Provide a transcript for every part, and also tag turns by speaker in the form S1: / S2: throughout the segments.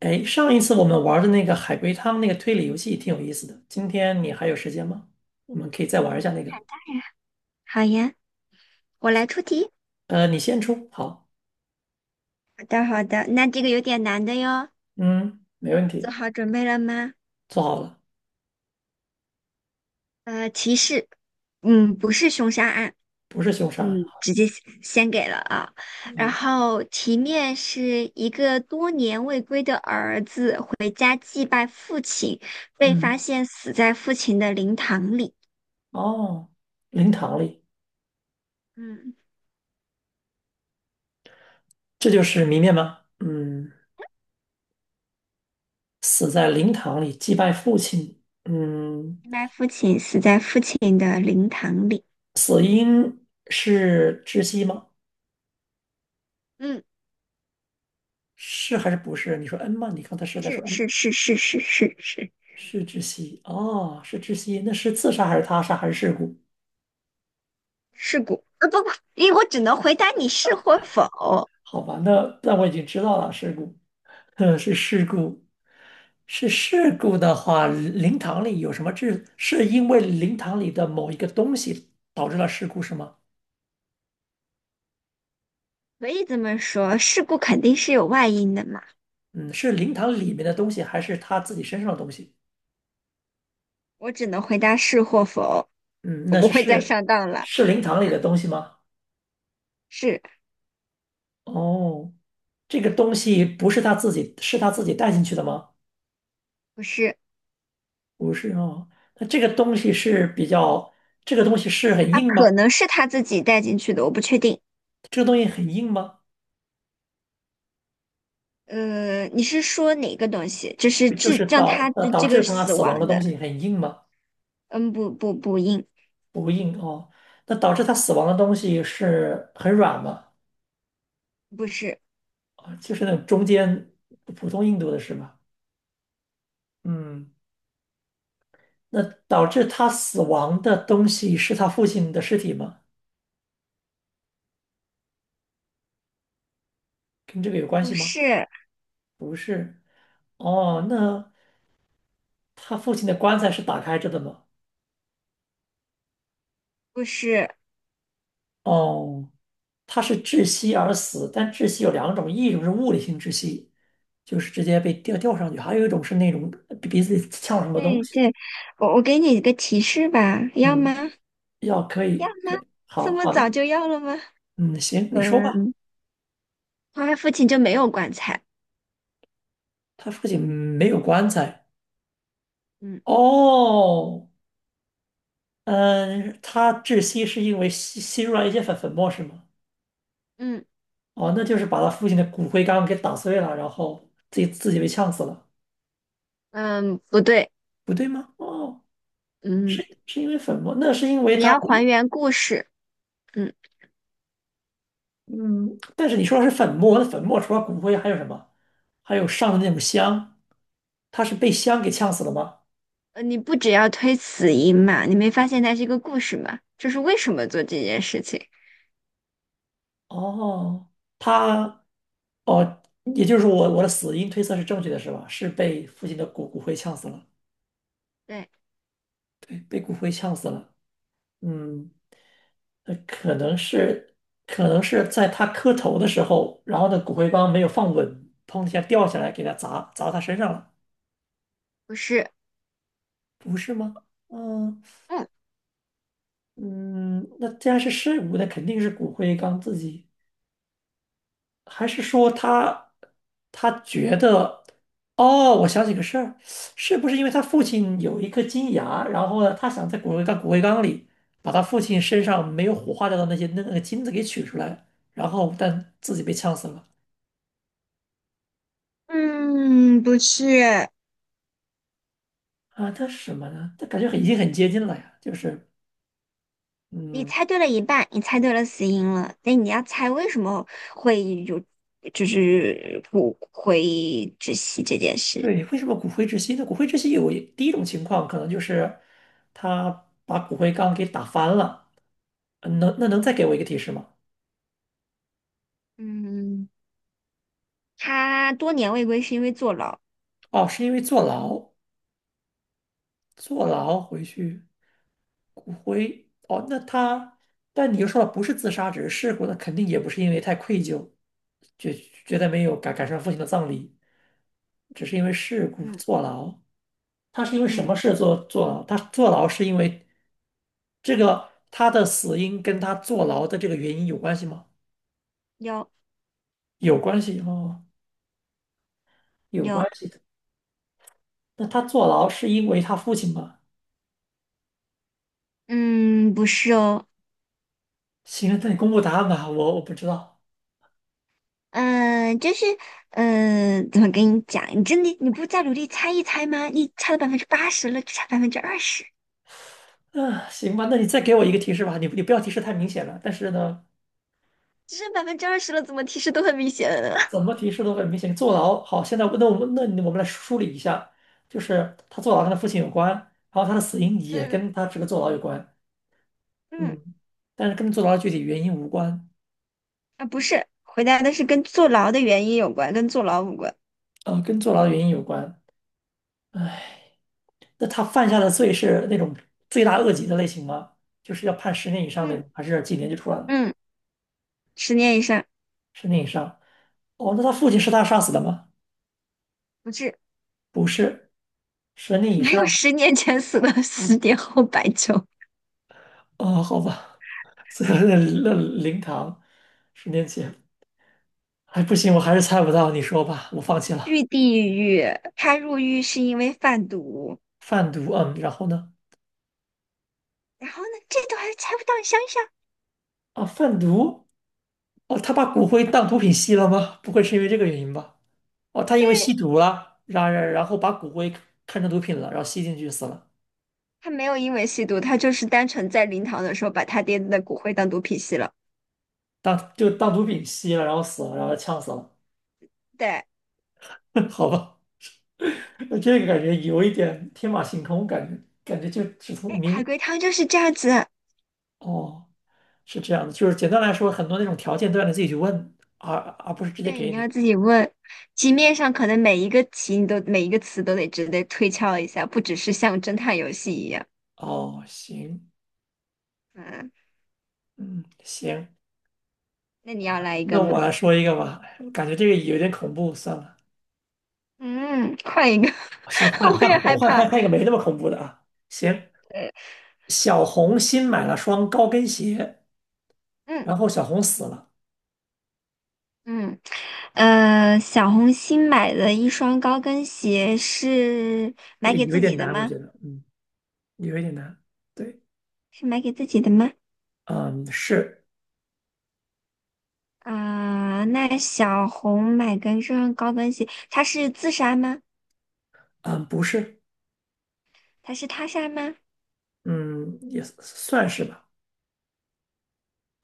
S1: 哎，上一次我们玩的那个海龟汤那个推理游戏挺有意思的，今天你还有时间吗？我们可以再玩一下那个。
S2: 好呀，我来出题。
S1: 你先出，好，
S2: 好的，好的，那这个有点难的哟，
S1: 嗯，没问
S2: 做
S1: 题，
S2: 好准备了吗？
S1: 做好了，
S2: 呃，提示，嗯，不是凶杀案，
S1: 不是凶杀案，
S2: 嗯，直接先给了啊。然
S1: 嗯
S2: 后题面是一个多年未归的儿子回家祭拜父亲，被发
S1: 嗯，
S2: 现死在父亲的灵堂里。
S1: 哦，灵堂里，
S2: 嗯，
S1: 这就是谜面吗？嗯，死在灵堂里祭拜父亲，嗯，
S2: 祭拜父亲，死在父亲的灵堂里。
S1: 死因是窒息吗？
S2: 嗯，
S1: 是还是不是？你说嗯吗？你刚才是在
S2: 是
S1: 说嗯，
S2: 是是是是是是。
S1: 是窒息，哦，是窒息，那是自杀还是他杀还是事故？
S2: 事故，不，因为我只能回答你是或否，
S1: 好吧，那我已经知道了，事故，是事故，是事故的话，灵堂里有什么致？是因为灵堂里的某一个东西导致了事故是吗？
S2: 可以这么说，事故肯定是有外因的嘛，
S1: 嗯，是灵堂里面的东西，还是他自己身上的东西？
S2: 我只能回答是或否，
S1: 嗯，
S2: 我
S1: 那
S2: 不
S1: 是
S2: 会再
S1: 是
S2: 上当了，
S1: 是灵堂里的东西吗？
S2: 是
S1: 哦，这个东西不是他自己，是他自己带进去的吗？
S2: 不是？
S1: 不是哦，那这个东西是比较，这个东西是很
S2: 啊，
S1: 硬
S2: 可
S1: 吗？
S2: 能是他自己带进去的，我不确定。
S1: 这个东西很硬吗？
S2: 你是说哪个东西？就是
S1: 就
S2: 致
S1: 是
S2: 让
S1: 导
S2: 他
S1: 呃
S2: 这
S1: 导
S2: 这
S1: 致
S2: 个
S1: 他
S2: 死
S1: 死亡的
S2: 亡
S1: 东
S2: 的？
S1: 西很硬吗？
S2: 嗯，不，
S1: 不硬哦。那导致他死亡的东西是很软吗？
S2: 不是，
S1: 啊，就是那种中间普通硬度的是吗？嗯，那导致他死亡的东西是他父亲的尸体吗？跟这个有关
S2: 不
S1: 系吗？
S2: 是，
S1: 不是。哦，那他父亲的棺材是打开着的吗？
S2: 不是。
S1: 哦，他是窒息而死，但窒息有两种，一种是物理性窒息，就是直接被吊上去；还有一种是那种鼻子里呛了什么东
S2: 对
S1: 西。
S2: 对，我给你一个提示吧，要吗？
S1: 嗯，
S2: 要
S1: 要可以，
S2: 吗？
S1: 可以
S2: 这
S1: 好
S2: 么
S1: 好
S2: 早
S1: 的，
S2: 就要了吗？
S1: 嗯，行，你说吧。
S2: 嗯，他父亲就没有棺材。
S1: 他父亲没有棺材。
S2: 嗯。
S1: 哦，嗯，他窒息是因为吸入了一些粉末是吗？
S2: 嗯。
S1: 哦，那就是把他父亲的骨灰缸给打碎了，然后自己被呛死了，
S2: 嗯，不对。
S1: 不对吗？哦，是
S2: 嗯，
S1: 是因为粉末，那是因为
S2: 你
S1: 他。
S2: 要还原故事，嗯。
S1: 嗯，但是你说的是粉末，那粉末除了骨灰还有什么？还有上的那种香，他是被香给呛死了吗？
S2: 你不只要推死因嘛，你没发现它是一个故事吗？就是为什么做这件事情？
S1: 哦，他，哦，也就是说我的死因推测是正确的，是吧？是被父亲的骨灰呛死了，
S2: 对，
S1: 对，被骨灰呛死了。嗯，呃可能是可能是在他磕头的时候，然后呢骨灰缸没有放稳，砰一下掉下来给他砸他身上了，
S2: 不是，
S1: 不是吗？嗯。
S2: 嗯。
S1: 嗯，那既然是尸骨，那肯定是骨灰缸自己，还是说他觉得，哦，我想起个事儿，是不是因为他父亲有一颗金牙，然后呢，他想在骨灰缸里把他父亲身上没有火化掉的那些那个金子给取出来，然后但自己被呛死了
S2: 嗯，不是。
S1: 啊？那是什么呢？他感觉已经很接近了呀，就是
S2: 你
S1: 嗯，
S2: 猜对了一半，你猜对了死因了，那你要猜为什么会有，就是不会窒息这件事。
S1: 对，为什么骨灰之息呢？骨灰之息有第一种情况，可能就是他把骨灰缸给打翻了。能再给我一个提示吗？
S2: 嗯，他多年未归是因为坐牢。
S1: 哦，是因为坐牢，坐牢回去骨灰。哦，那他，但你又说了不是自杀，只是事故，那肯定也不是因为太愧疚，觉觉得没有赶上父亲的葬礼，只是因为事故
S2: 嗯。
S1: 坐牢。他是因为什
S2: 嗯，
S1: 么事坐牢？他坐牢是因为这个他的死因跟他坐牢的这个原因有关系吗？
S2: 有。
S1: 有关系哦，有关
S2: 有。
S1: 系的。那他坐牢是因为他父亲吗？
S2: 嗯，不是哦。
S1: 行，那你公布答案吧，我不知道。
S2: 嗯，就是，嗯，怎么跟你讲？你真的你不再努力猜一猜吗？你猜了80%了，就差百分之二十，
S1: 嗯，行吧，那你再给我一个提示吧，你不要提示太明显了，但是呢，
S2: 只剩百分之二十了，怎么提示都很明显了。
S1: 怎 么提示都很明显。坐牢，好，现在那我们来梳理一下，就是他坐牢跟他父亲有关，然后他的死因也
S2: 嗯。
S1: 跟他这个坐牢有关，
S2: 嗯，
S1: 嗯，但是跟坐牢的具体原因无关，
S2: 啊，不是，回答的是跟坐牢的原因有关，跟坐牢无关。
S1: 跟坐牢的原因有关。哎，那他犯下的罪是那种罪大恶极的类型吗？就是要判十年以上那
S2: 嗯。
S1: 种，还是几年就出来了？
S2: 嗯，10年以上。
S1: 十年以上。哦，那他父亲是他杀死的吗？
S2: 不是，
S1: 不是，十年以
S2: 没
S1: 上
S2: 有，10年前死了，10年后白酒。
S1: 哦，好吧，所以那灵堂，10年前，哎，不行，我还是猜不到，你说吧，我放弃了。
S2: 去地狱，他入狱是因为贩毒。
S1: 贩毒，嗯，然后呢？
S2: 然后呢，这都还猜不到，你想一想。
S1: 啊，贩毒，哦，他把骨灰当毒品吸了吗？不会是因为这个原因吧？哦，他因为吸毒了，然后把骨灰看成毒品了，然后吸进去死了，
S2: 他没有因为吸毒，他就是单纯在灵堂的时候把他爹的骨灰当毒品吸了。
S1: 当就当毒品吸了，然后死了，然后呛死了，
S2: 对，哎，
S1: 好吧。那这个感觉有一点天马行空，感觉就只从明
S2: 海
S1: 明
S2: 龟汤就是这样子。
S1: 哦，是这样的，就是简单来说，很多那种条件都让你自己去问，而不是直接
S2: 对，
S1: 给
S2: 你要
S1: 你。
S2: 自己问，题面上可能每一个题你都每一个词都得值得推敲一下，不只是像侦探游戏一样。
S1: 哦，行，嗯，行，
S2: 那你要来一
S1: 那
S2: 个
S1: 我
S2: 吗？
S1: 来说一个吧，我感觉这个有点恐怖，算了，
S2: 嗯，换一个，
S1: 哦行，换
S2: 我也
S1: 换
S2: 害
S1: 换
S2: 怕。
S1: 换换一个没那么恐怖的啊。行，
S2: 对。
S1: 小红新买了双高跟鞋，
S2: 嗯
S1: 然后小红死了，
S2: 嗯。小红新买的一双高跟鞋是
S1: 这
S2: 买
S1: 个
S2: 给
S1: 有一
S2: 自
S1: 点
S2: 己的
S1: 难，我
S2: 吗？
S1: 觉得，嗯，有一点难。对，
S2: 是买给自己的吗？
S1: 嗯，是，
S2: 啊，那小红买跟这双高跟鞋，她是自杀吗？
S1: 嗯，不是，
S2: 她是他杀吗？
S1: 嗯，也算是吧，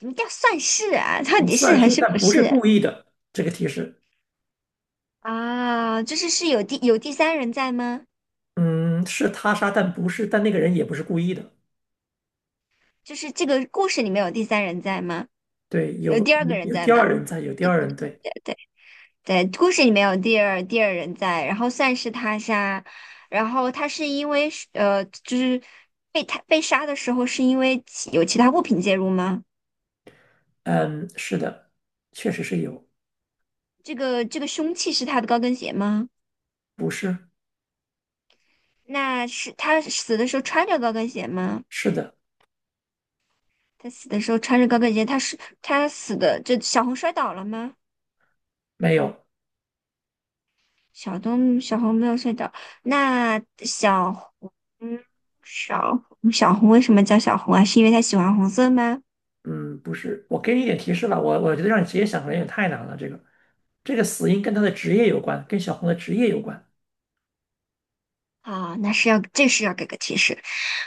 S2: 什么叫算是啊，到
S1: 嗯
S2: 底是
S1: 算
S2: 还
S1: 是，
S2: 是不
S1: 但不是
S2: 是
S1: 故意的，这个提示。
S2: 啊？就是是有第三人在吗？
S1: 嗯，是他杀，但不是，但那个人也不是故意的。
S2: 就是这个故事里面有第三人在吗？
S1: 对，有
S2: 有第二
S1: 有
S2: 个人
S1: 有
S2: 在
S1: 第
S2: 吗？
S1: 二人在，有第二人。对，
S2: 对。对，故事里面有第二人在，然后算是他杀，然后他是因为是，就是被他被杀的时候是因为有其他物品介入吗？
S1: 嗯，是的，确实是有，
S2: 这个凶器是他的高跟鞋吗？
S1: 不是，
S2: 那是他死的时候穿着高跟鞋吗？
S1: 是的，
S2: 他死的时候穿着高跟鞋，他是他死的，这小红摔倒了吗？
S1: 没有，
S2: 小红没有摔倒，那红小小红为什么叫小红啊？是因为她喜欢红色吗？
S1: 嗯，不是。我给你一点提示吧，我觉得让你直接想可能有点太难了。这个死因跟他的职业有关，跟小红的职业有关。
S2: 啊，那是要这是要给个提示。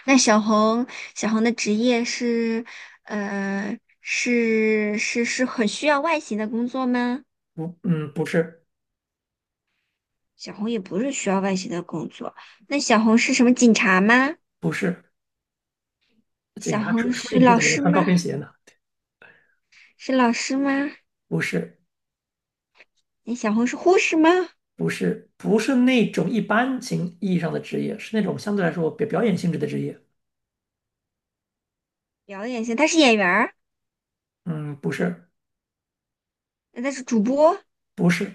S2: 那小红的职业是呃是很需要外形的工作吗？
S1: 不，嗯，不是，
S2: 小红也不是需要外形的工作。那小红是什么警察吗？
S1: 不是，警
S2: 小
S1: 察出
S2: 红
S1: 出
S2: 是
S1: 警是
S2: 老
S1: 怎么能
S2: 师
S1: 穿
S2: 吗？
S1: 高跟鞋呢？
S2: 是老师吗？
S1: 不是，
S2: 那小红是护士吗？
S1: 不是，不是那种一般情意义上的职业，是那种相对来说表演性质的职业。
S2: 表演型，她是演员儿，
S1: 嗯，不是。
S2: 那她是主播，
S1: 不是，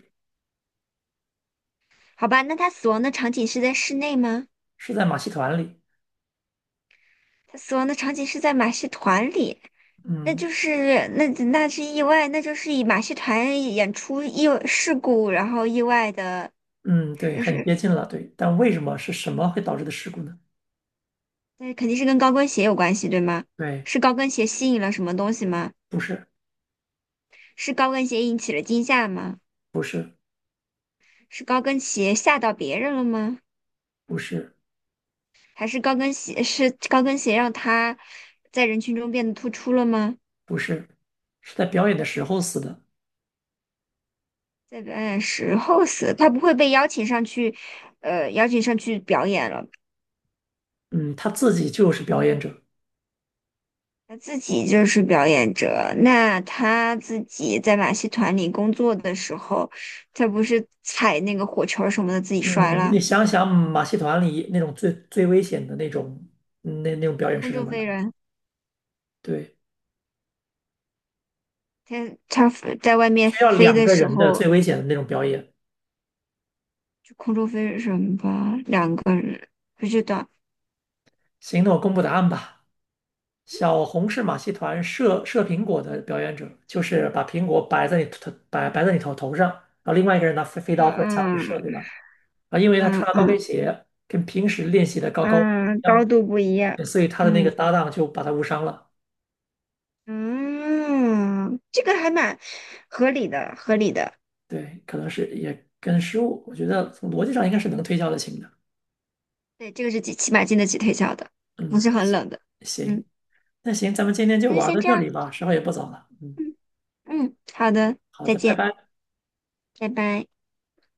S2: 好吧？那她死亡的场景是在室内吗？
S1: 是在马戏团里。
S2: 她死亡的场景是在马戏团里，那
S1: 嗯
S2: 就是那那是意外，那就是以马戏团演出意外事故，然后意外的，
S1: 嗯，对，
S2: 是
S1: 很
S2: 是，
S1: 接近了，对。但为什么是什么会导致的事故呢？
S2: 那肯定是跟高跟鞋有关系，对吗？
S1: 对，
S2: 是高跟鞋吸引了什么东西吗？
S1: 不是，
S2: 是高跟鞋引起了惊吓吗？
S1: 不是，
S2: 是高跟鞋吓到别人了吗？
S1: 不是，
S2: 还是高跟鞋是高跟鞋让他在人群中变得突出了吗？
S1: 不是，是在表演的时候死的。
S2: 在表演时候死，他不会被邀请上去，呃，邀请上去表演了。
S1: 嗯，他自己就是表演者。
S2: 他自己就是表演者，那他自己在马戏团里工作的时候，他不是踩那个火球什么的自己摔
S1: 嗯，你
S2: 了，
S1: 想想马戏团里那种最危险的那种，那种表演
S2: 空
S1: 是什
S2: 中
S1: 么
S2: 飞
S1: 样？
S2: 人。
S1: 对，
S2: 他他在外面
S1: 需要
S2: 飞
S1: 两
S2: 的
S1: 个
S2: 时
S1: 人的
S2: 候，
S1: 最危险的那种表演。
S2: 就空中飞人吧，两个人不知道。
S1: 行，那我公布答案吧。小红是马戏团射苹果的表演者，就是把苹果摆在你头上，然后另外一个人拿飞飞
S2: 嗯。
S1: 刀或者枪去
S2: 嗯。
S1: 射，对吧？啊，因为他
S2: 嗯。
S1: 穿了高
S2: 嗯。
S1: 跟鞋，跟平时练习的高不一
S2: 嗯，高
S1: 样，
S2: 度不一样。
S1: 对所以他的那
S2: 嗯。
S1: 个搭档就把他误伤了。
S2: 嗯，这个还蛮合理的，合理的。
S1: 对，可能是也跟失误，我觉得从逻辑上应该是能推敲得清的。
S2: 对，这个是几起码经得起推敲的，不
S1: 嗯，
S2: 是很冷的。
S1: 行，
S2: 嗯，
S1: 那行，咱们今天就
S2: 那就
S1: 玩
S2: 先
S1: 到
S2: 这
S1: 这
S2: 样。
S1: 里吧，时候也不早了。嗯，
S2: 嗯。嗯，好的，
S1: 好
S2: 再
S1: 的，拜
S2: 见，
S1: 拜。
S2: 拜拜。